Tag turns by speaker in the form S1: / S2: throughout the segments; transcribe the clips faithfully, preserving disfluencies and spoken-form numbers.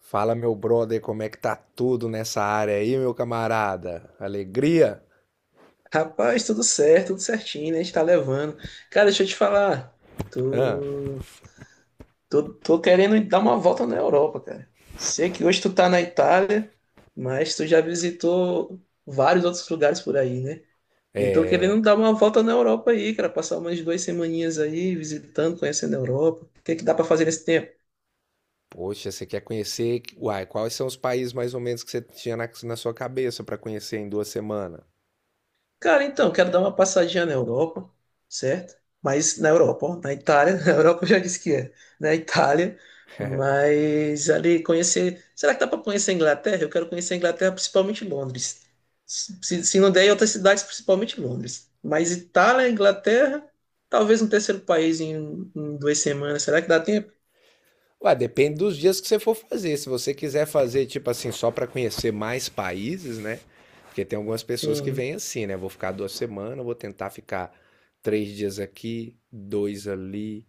S1: Fala, meu brother, como é que tá tudo nessa área aí, meu camarada? Alegria?
S2: Rapaz, tudo certo, tudo certinho, né? A gente tá levando. Cara, deixa eu te falar.
S1: Hã?
S2: Tô, tô, tô querendo dar uma volta na Europa, cara. Sei que hoje tu tá na Itália, mas tu já visitou vários outros lugares por aí, né? E tô
S1: é...
S2: querendo dar uma volta na Europa aí, cara. Passar umas duas semaninhas aí visitando, conhecendo a Europa. O que é que dá pra fazer nesse tempo?
S1: Poxa, você quer conhecer? Uai, quais são os países mais ou menos que você tinha na, na sua cabeça pra conhecer em duas semanas?
S2: Cara, então, quero dar uma passadinha na Europa, certo? Mas na Europa, ó, na Itália, na Europa eu já disse que é, na Itália, mas ali conhecer. Será que dá para conhecer a Inglaterra? Eu quero conhecer a Inglaterra, principalmente Londres. Se, se não der, em outras cidades, principalmente Londres. Mas Itália, Inglaterra, talvez um terceiro país em, em duas semanas. Será que dá tempo?
S1: Ué, depende dos dias que você for fazer. Se você quiser fazer, tipo assim, só para conhecer mais países, né? Porque tem algumas pessoas que
S2: Sim,
S1: vêm assim, né? Vou ficar duas semanas, vou tentar ficar três dias aqui, dois ali,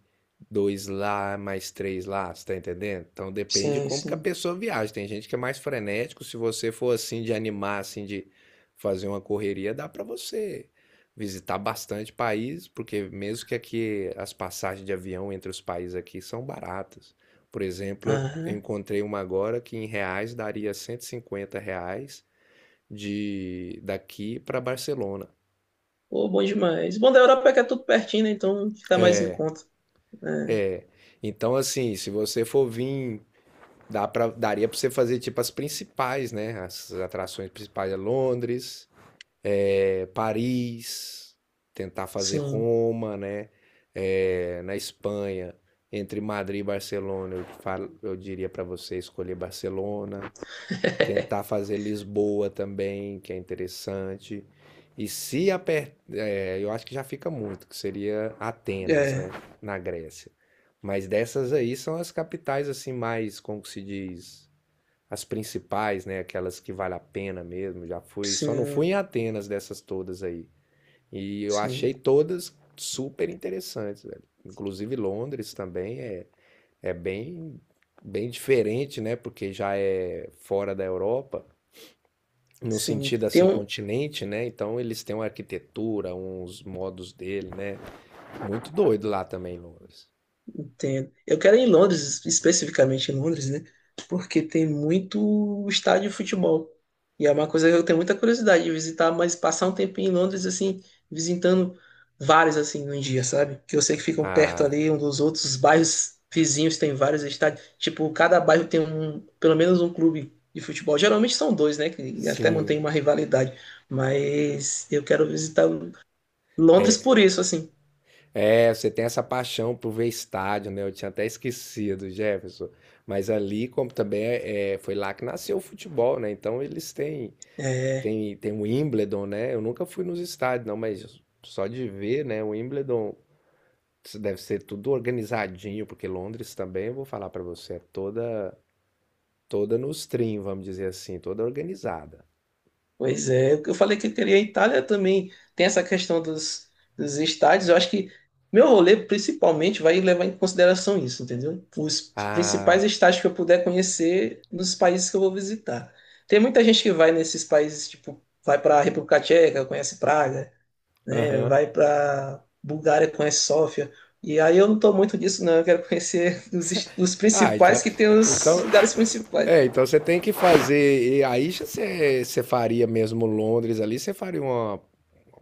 S1: dois lá, mais três lá, você tá entendendo? Então depende de
S2: sim,
S1: como que a
S2: sim.
S1: pessoa viaja. Tem gente que é mais frenético. Se você for assim de animar, assim, de fazer uma correria, dá para você visitar bastante país, porque mesmo que aqui as passagens de avião entre os países aqui são baratas. Por exemplo, eu
S2: Aham.
S1: encontrei uma agora que em reais daria cento e cinquenta reais de daqui para Barcelona.
S2: Pô, bom demais. Bom da Europa é que é tudo pertinho, né? Então fica mais em conta, né?
S1: Então, assim, se você for vir, dá pra, daria para você fazer tipo as principais, né? As atrações principais é Londres, é, Paris, tentar fazer
S2: Sim.
S1: Roma, né? É, na Espanha, entre Madrid e Barcelona, eu, falo, eu diria para você escolher Barcelona. Tentar fazer Lisboa também, que é interessante. E se aper... é, eu acho que já fica muito, que seria Atenas, né,
S2: É,
S1: na Grécia. Mas dessas aí são as capitais assim mais, como que se diz, as principais, né, aquelas que vale a pena mesmo. Já fui, só não
S2: sim,
S1: fui em Atenas dessas todas aí. E eu achei
S2: sim,
S1: todas super interessantes, velho. Inclusive Londres também é é bem bem diferente, né, porque já é fora da Europa no
S2: sim.
S1: sentido
S2: Tem
S1: assim,
S2: um,
S1: continente, né? Então eles têm uma arquitetura, uns modos dele, né? Muito doido lá também, Londres.
S2: entendo. Eu quero ir em Londres, especificamente em Londres, né? Porque tem muito estádio de futebol. E é uma coisa que eu tenho muita curiosidade de visitar, mas passar um tempinho em Londres, assim, visitando vários, assim, num dia, sabe? Que eu sei que ficam perto
S1: Ah,
S2: ali um dos outros, os bairros vizinhos têm vários estádios. Tipo, cada bairro tem um, pelo menos um clube de futebol. Geralmente são dois, né? Que até
S1: sim.
S2: mantém uma rivalidade. Mas eu quero visitar Londres por isso, assim.
S1: É, você tem essa paixão por ver estádio, né? Eu tinha até esquecido, Jefferson. Mas ali, como também é, é, foi lá que nasceu o futebol, né? Então eles têm,
S2: É,
S1: têm, têm o Wimbledon, né? Eu nunca fui nos estádios, não, mas só de ver, né? O Wimbledon deve ser tudo organizadinho, porque Londres também, eu vou falar pra você, é toda Toda nos trim, vamos dizer assim, toda organizada.
S2: pois é. Eu falei que eu queria a Itália também. Tem essa questão dos, dos estádios. Eu acho que meu rolê principalmente vai levar em consideração isso, entendeu? Os principais
S1: Ah,
S2: estádios que eu puder conhecer nos países que eu vou visitar. Tem muita gente que vai nesses países, tipo, vai para a República Tcheca, conhece Praga, né?
S1: aham.
S2: Vai para Bulgária, conhece Sófia. E aí eu não tô muito disso, não. Eu quero conhecer os, os
S1: Ah, então,
S2: principais que tem os
S1: então,
S2: lugares principais.
S1: é, então você tem que fazer. E aí você, você faria mesmo Londres ali, você faria uma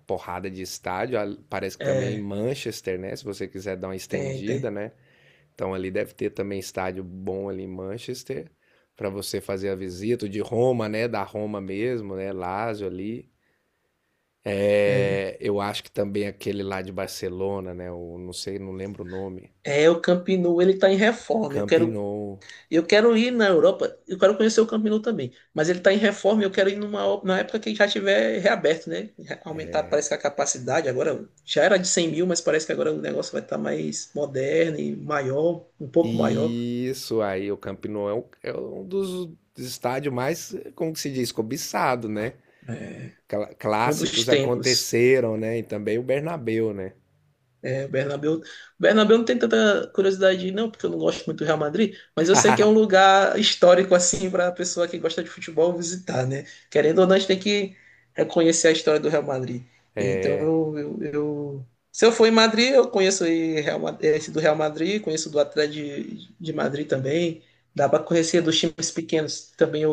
S1: porrada de estádio. Ah, parece que também em
S2: É,
S1: Manchester, né? Se você quiser dar uma
S2: tem,
S1: estendida,
S2: tem.
S1: né? Então ali deve ter também estádio bom ali em Manchester para você fazer a visita. O de Roma, né? Da Roma mesmo, né? Lazio ali.
S2: É,
S1: É, eu acho que também aquele lá de Barcelona, né? O, não sei, não lembro o nome.
S2: é, o Camp Nou, ele está em reforma. Eu
S1: Camp
S2: quero,
S1: Nou.
S2: eu quero ir na Europa, eu quero conhecer o Camp Nou também. Mas ele está em reforma, e eu quero ir numa, o- na época que já tiver reaberto, né? Já aumentar, parece que a capacidade agora já era de cem mil, mas parece que agora o negócio vai estar mais moderno e maior, um pouco maior.
S1: Isso aí, o Campinou é um, é um dos estádios mais, como que se diz, cobiçado, né?
S2: É,
S1: Cla-
S2: um dos
S1: Clássicos
S2: templos.
S1: aconteceram, né? E também o Bernabéu, né?
S2: É, Bernabéu. Bernabéu não tem tanta curiosidade, não, porque eu não gosto muito do Real Madrid, mas eu sei que é um lugar histórico, assim, para a pessoa que gosta de futebol visitar, né? Querendo ou não, a gente tem que reconhecer a história do Real Madrid. Então,
S1: É,
S2: eu, eu- eu- se eu for em Madrid, eu conheço aí Real Ma- esse do Real Madrid, conheço do Atlético de, de Madrid também. Dá para conhecer dos times pequenos também.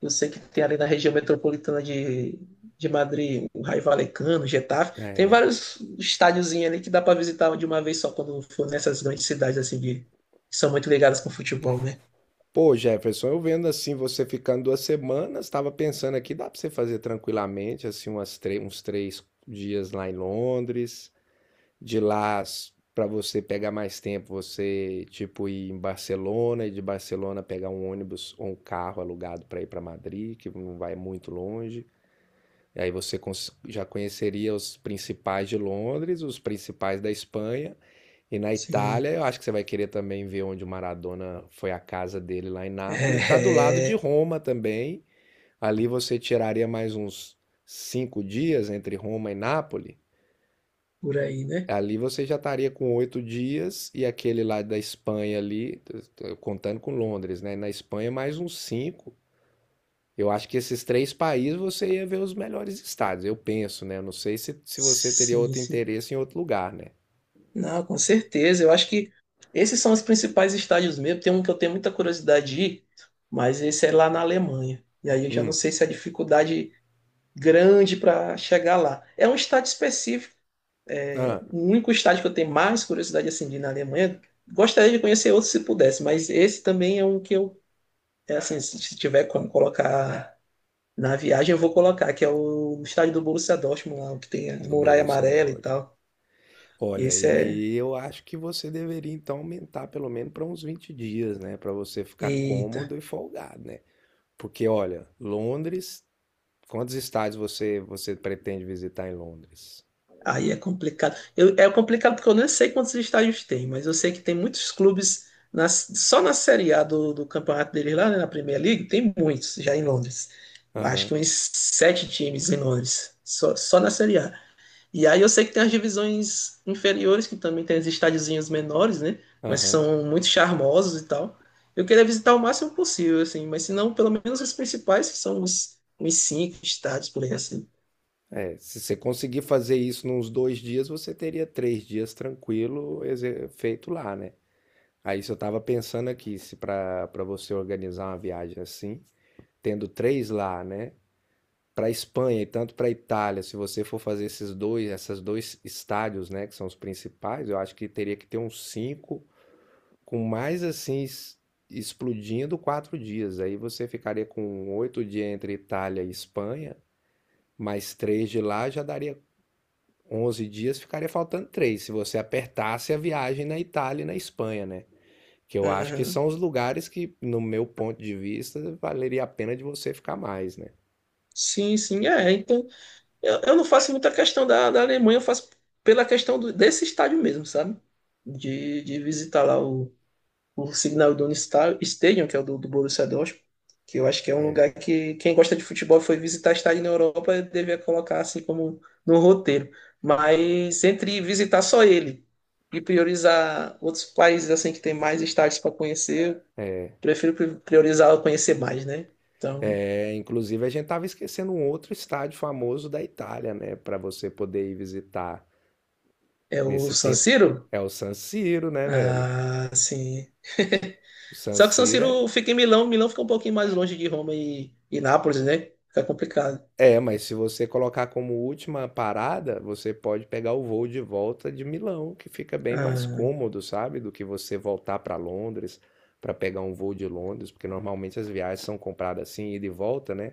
S2: Eu sei que tem ali na região metropolitana de, de Madrid, o Raio Vallecano, o Getafe. Tem
S1: é.
S2: vários estádiozinhos ali que dá para visitar de uma vez só quando for nessas grandes cidades assim de- que são muito ligadas com futebol, né?
S1: Pô, Jefferson, eu vendo assim, você ficando duas semanas, estava pensando aqui, dá para você fazer tranquilamente, assim, umas tre- uns três dias lá em Londres, de lá para você pegar mais tempo, você tipo ir em Barcelona e de Barcelona pegar um ônibus ou um carro alugado para ir para Madrid, que não vai muito longe. E aí você cons- já conheceria os principais de Londres, os principais da Espanha. E na
S2: Sim.
S1: Itália, eu acho que você vai querer também ver onde o Maradona foi a casa dele lá em Nápoles. Tá do lado
S2: É,
S1: de
S2: é,
S1: Roma também. Ali você tiraria mais uns cinco dias entre Roma e Nápoles.
S2: por aí, né?
S1: Ali você já estaria com oito dias e aquele lá da Espanha ali, t- contando com Londres, né? Na Espanha mais uns cinco. Eu acho que esses três países você ia ver os melhores estados, eu penso, né? Eu não sei se, se você teria
S2: Sim,
S1: outro
S2: sim.
S1: interesse em outro lugar, né?
S2: Não, com certeza. Eu acho que esses são os principais estádios mesmo. Tem um que eu tenho muita curiosidade de ir, mas esse é lá na Alemanha. E aí eu já não
S1: Hum,
S2: sei se é dificuldade grande para chegar lá. É um estádio específico.
S1: ah,
S2: O único estádio que eu tenho mais curiosidade assim de ir na Alemanha, gostaria de conhecer outro se pudesse, mas esse também é um que eu, é assim, se tiver como colocar na viagem, eu vou colocar, que é o estádio do Borussia Dortmund lá, o que tem a
S1: do
S2: muralha
S1: Borussia
S2: amarela e
S1: Dortmund.
S2: tal.
S1: Olha,
S2: Esse
S1: e
S2: é,
S1: aí eu acho que você deveria então aumentar pelo menos para uns vinte dias, né? Para você ficar
S2: eita,
S1: cômodo e folgado, né? Porque, olha, Londres, quantos estádios você, você pretende visitar em Londres?
S2: aí é complicado. Eu- é complicado porque eu não sei quantos estádios tem, mas eu sei que tem muitos clubes na- só na Série A do, do campeonato deles lá, né, na Premier League, tem muitos já em Londres. Acho que
S1: Aham,
S2: uns sete times em Londres, só, só, na Série A. E aí eu sei que tem as divisões inferiores, que também tem os estádiozinhos menores, né? Mas que
S1: aham.
S2: são muito charmosos e tal. Eu queria visitar o máximo possível, assim, mas se não, pelo menos os principais, que são os, os cinco estádios por aí, assim.
S1: É, se você conseguir fazer isso nos dois dias, você teria três dias tranquilo exe- feito lá, né? Aí se eu tava pensando aqui, se para para você organizar uma viagem assim, tendo três lá, né? Para Espanha e tanto para Itália, se você for fazer esses dois, essas dois estádios, né, que são os principais, eu acho que teria que ter uns cinco, com mais assim es- explodindo quatro dias. Aí você ficaria com oito dias entre Itália e Espanha. Mais três de lá já daria onze dias, ficaria faltando três se você apertasse a viagem na Itália e na Espanha, né? Que eu acho que
S2: Uhum.
S1: são os lugares que, no meu ponto de vista, valeria a pena de você ficar mais, né?
S2: Sim, sim, é. Então, eu, eu não faço muita questão da, da Alemanha, eu faço pela questão do- desse estádio mesmo, sabe? De, de visitar lá o, o Signal Iduna Sta- Stadium, que é o do, do Borussia Dortmund, que eu acho que é um
S1: É.
S2: lugar que quem gosta de futebol e foi visitar estádio na Europa devia colocar assim como no roteiro. Mas entre visitar só ele e priorizar outros países assim que tem mais estádios para conhecer, eu prefiro pri- priorizar conhecer mais, né? Então,
S1: É, inclusive, a gente tava esquecendo um outro estádio famoso da Itália, né? Para você poder ir visitar
S2: é o
S1: nesse
S2: San
S1: tempo.
S2: Siro?
S1: É o San Siro, né, velho?
S2: Ah, sim.
S1: O San
S2: Só que o San
S1: Siro é…
S2: Siro fica em Milão, Milão fica um pouquinho mais longe de Roma e, e Nápoles, né? Fica complicado.
S1: É, mas se você colocar como última parada, você pode pegar o voo de volta de Milão, que fica bem mais
S2: Ah,
S1: cômodo, sabe? Do que você voltar para Londres para pegar um voo de Londres, porque normalmente as viagens são compradas assim, ida e volta, né?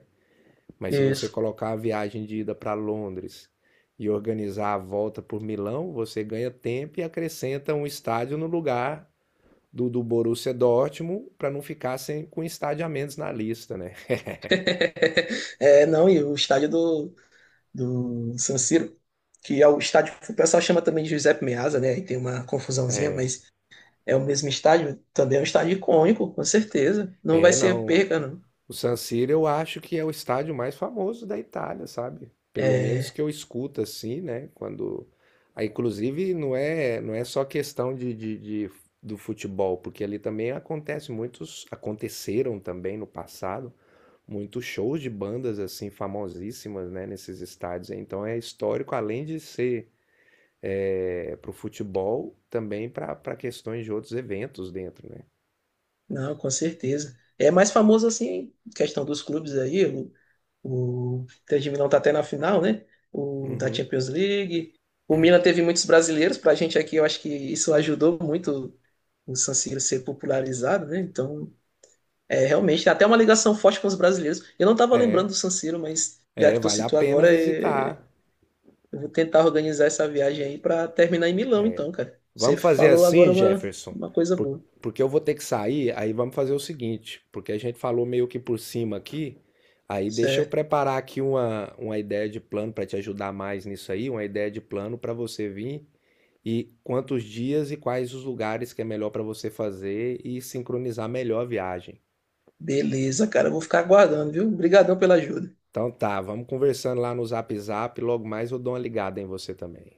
S1: Mas se você
S2: isso.
S1: colocar a viagem de ida para Londres e organizar a volta por Milão, você ganha tempo e acrescenta um estádio no lugar do, do Borussia Dortmund para não ficar sem, com estádio a menos na lista, né?
S2: É, não, e o estádio do, do San Siro, que é o estádio que o pessoal chama também de Giuseppe Meazza, né? Aí tem uma confusãozinha,
S1: É.
S2: mas é o mesmo estádio, também é um estádio icônico, com certeza. Não vai
S1: É,
S2: ser
S1: não.
S2: perca, não.
S1: O San Siro eu acho que é o estádio mais famoso da Itália, sabe? Pelo menos
S2: É,
S1: que eu escuto assim, né? Quando, ah, inclusive não é não é só questão de, de, de- do futebol, porque ali também acontece muitos, aconteceram também no passado muitos shows de bandas assim famosíssimas, né? Nesses estádios. Então é histórico além de ser para o futebol, também para para questões de outros eventos dentro, né?
S2: não, com certeza. É mais famoso assim, questão dos clubes aí, o, o Inter de Milão tá até na final, né? O da
S1: Uhum.
S2: Champions League. O Milan teve muitos brasileiros, pra gente aqui eu acho que isso ajudou muito o San Siro ser popularizado, né? Então, é, realmente, tem até uma ligação forte com os brasileiros. Eu não estava lembrando
S1: É,
S2: do San Siro, mas já
S1: é,
S2: que tu
S1: vale a
S2: citou
S1: pena
S2: agora, é,
S1: visitar.
S2: eu vou tentar organizar essa viagem aí para terminar em Milão, então, cara. Você
S1: Vamos fazer
S2: falou agora
S1: assim,
S2: uma,
S1: Jefferson,
S2: uma coisa
S1: por-
S2: boa.
S1: porque eu vou ter que sair, aí vamos fazer o seguinte, porque a gente falou meio que por cima aqui, aí deixa eu
S2: Certo.
S1: preparar aqui uma, uma ideia de plano para te ajudar mais nisso aí, uma ideia de plano para você vir e quantos dias e quais os lugares que é melhor para você fazer e sincronizar melhor a viagem.
S2: Beleza, cara. Eu vou ficar aguardando, viu? Obrigadão pela ajuda.
S1: Então tá, vamos conversando lá no Zap Zap, logo mais eu dou uma ligada em você também.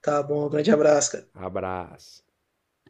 S2: Tá bom, um grande abraço, cara.
S1: Abraço.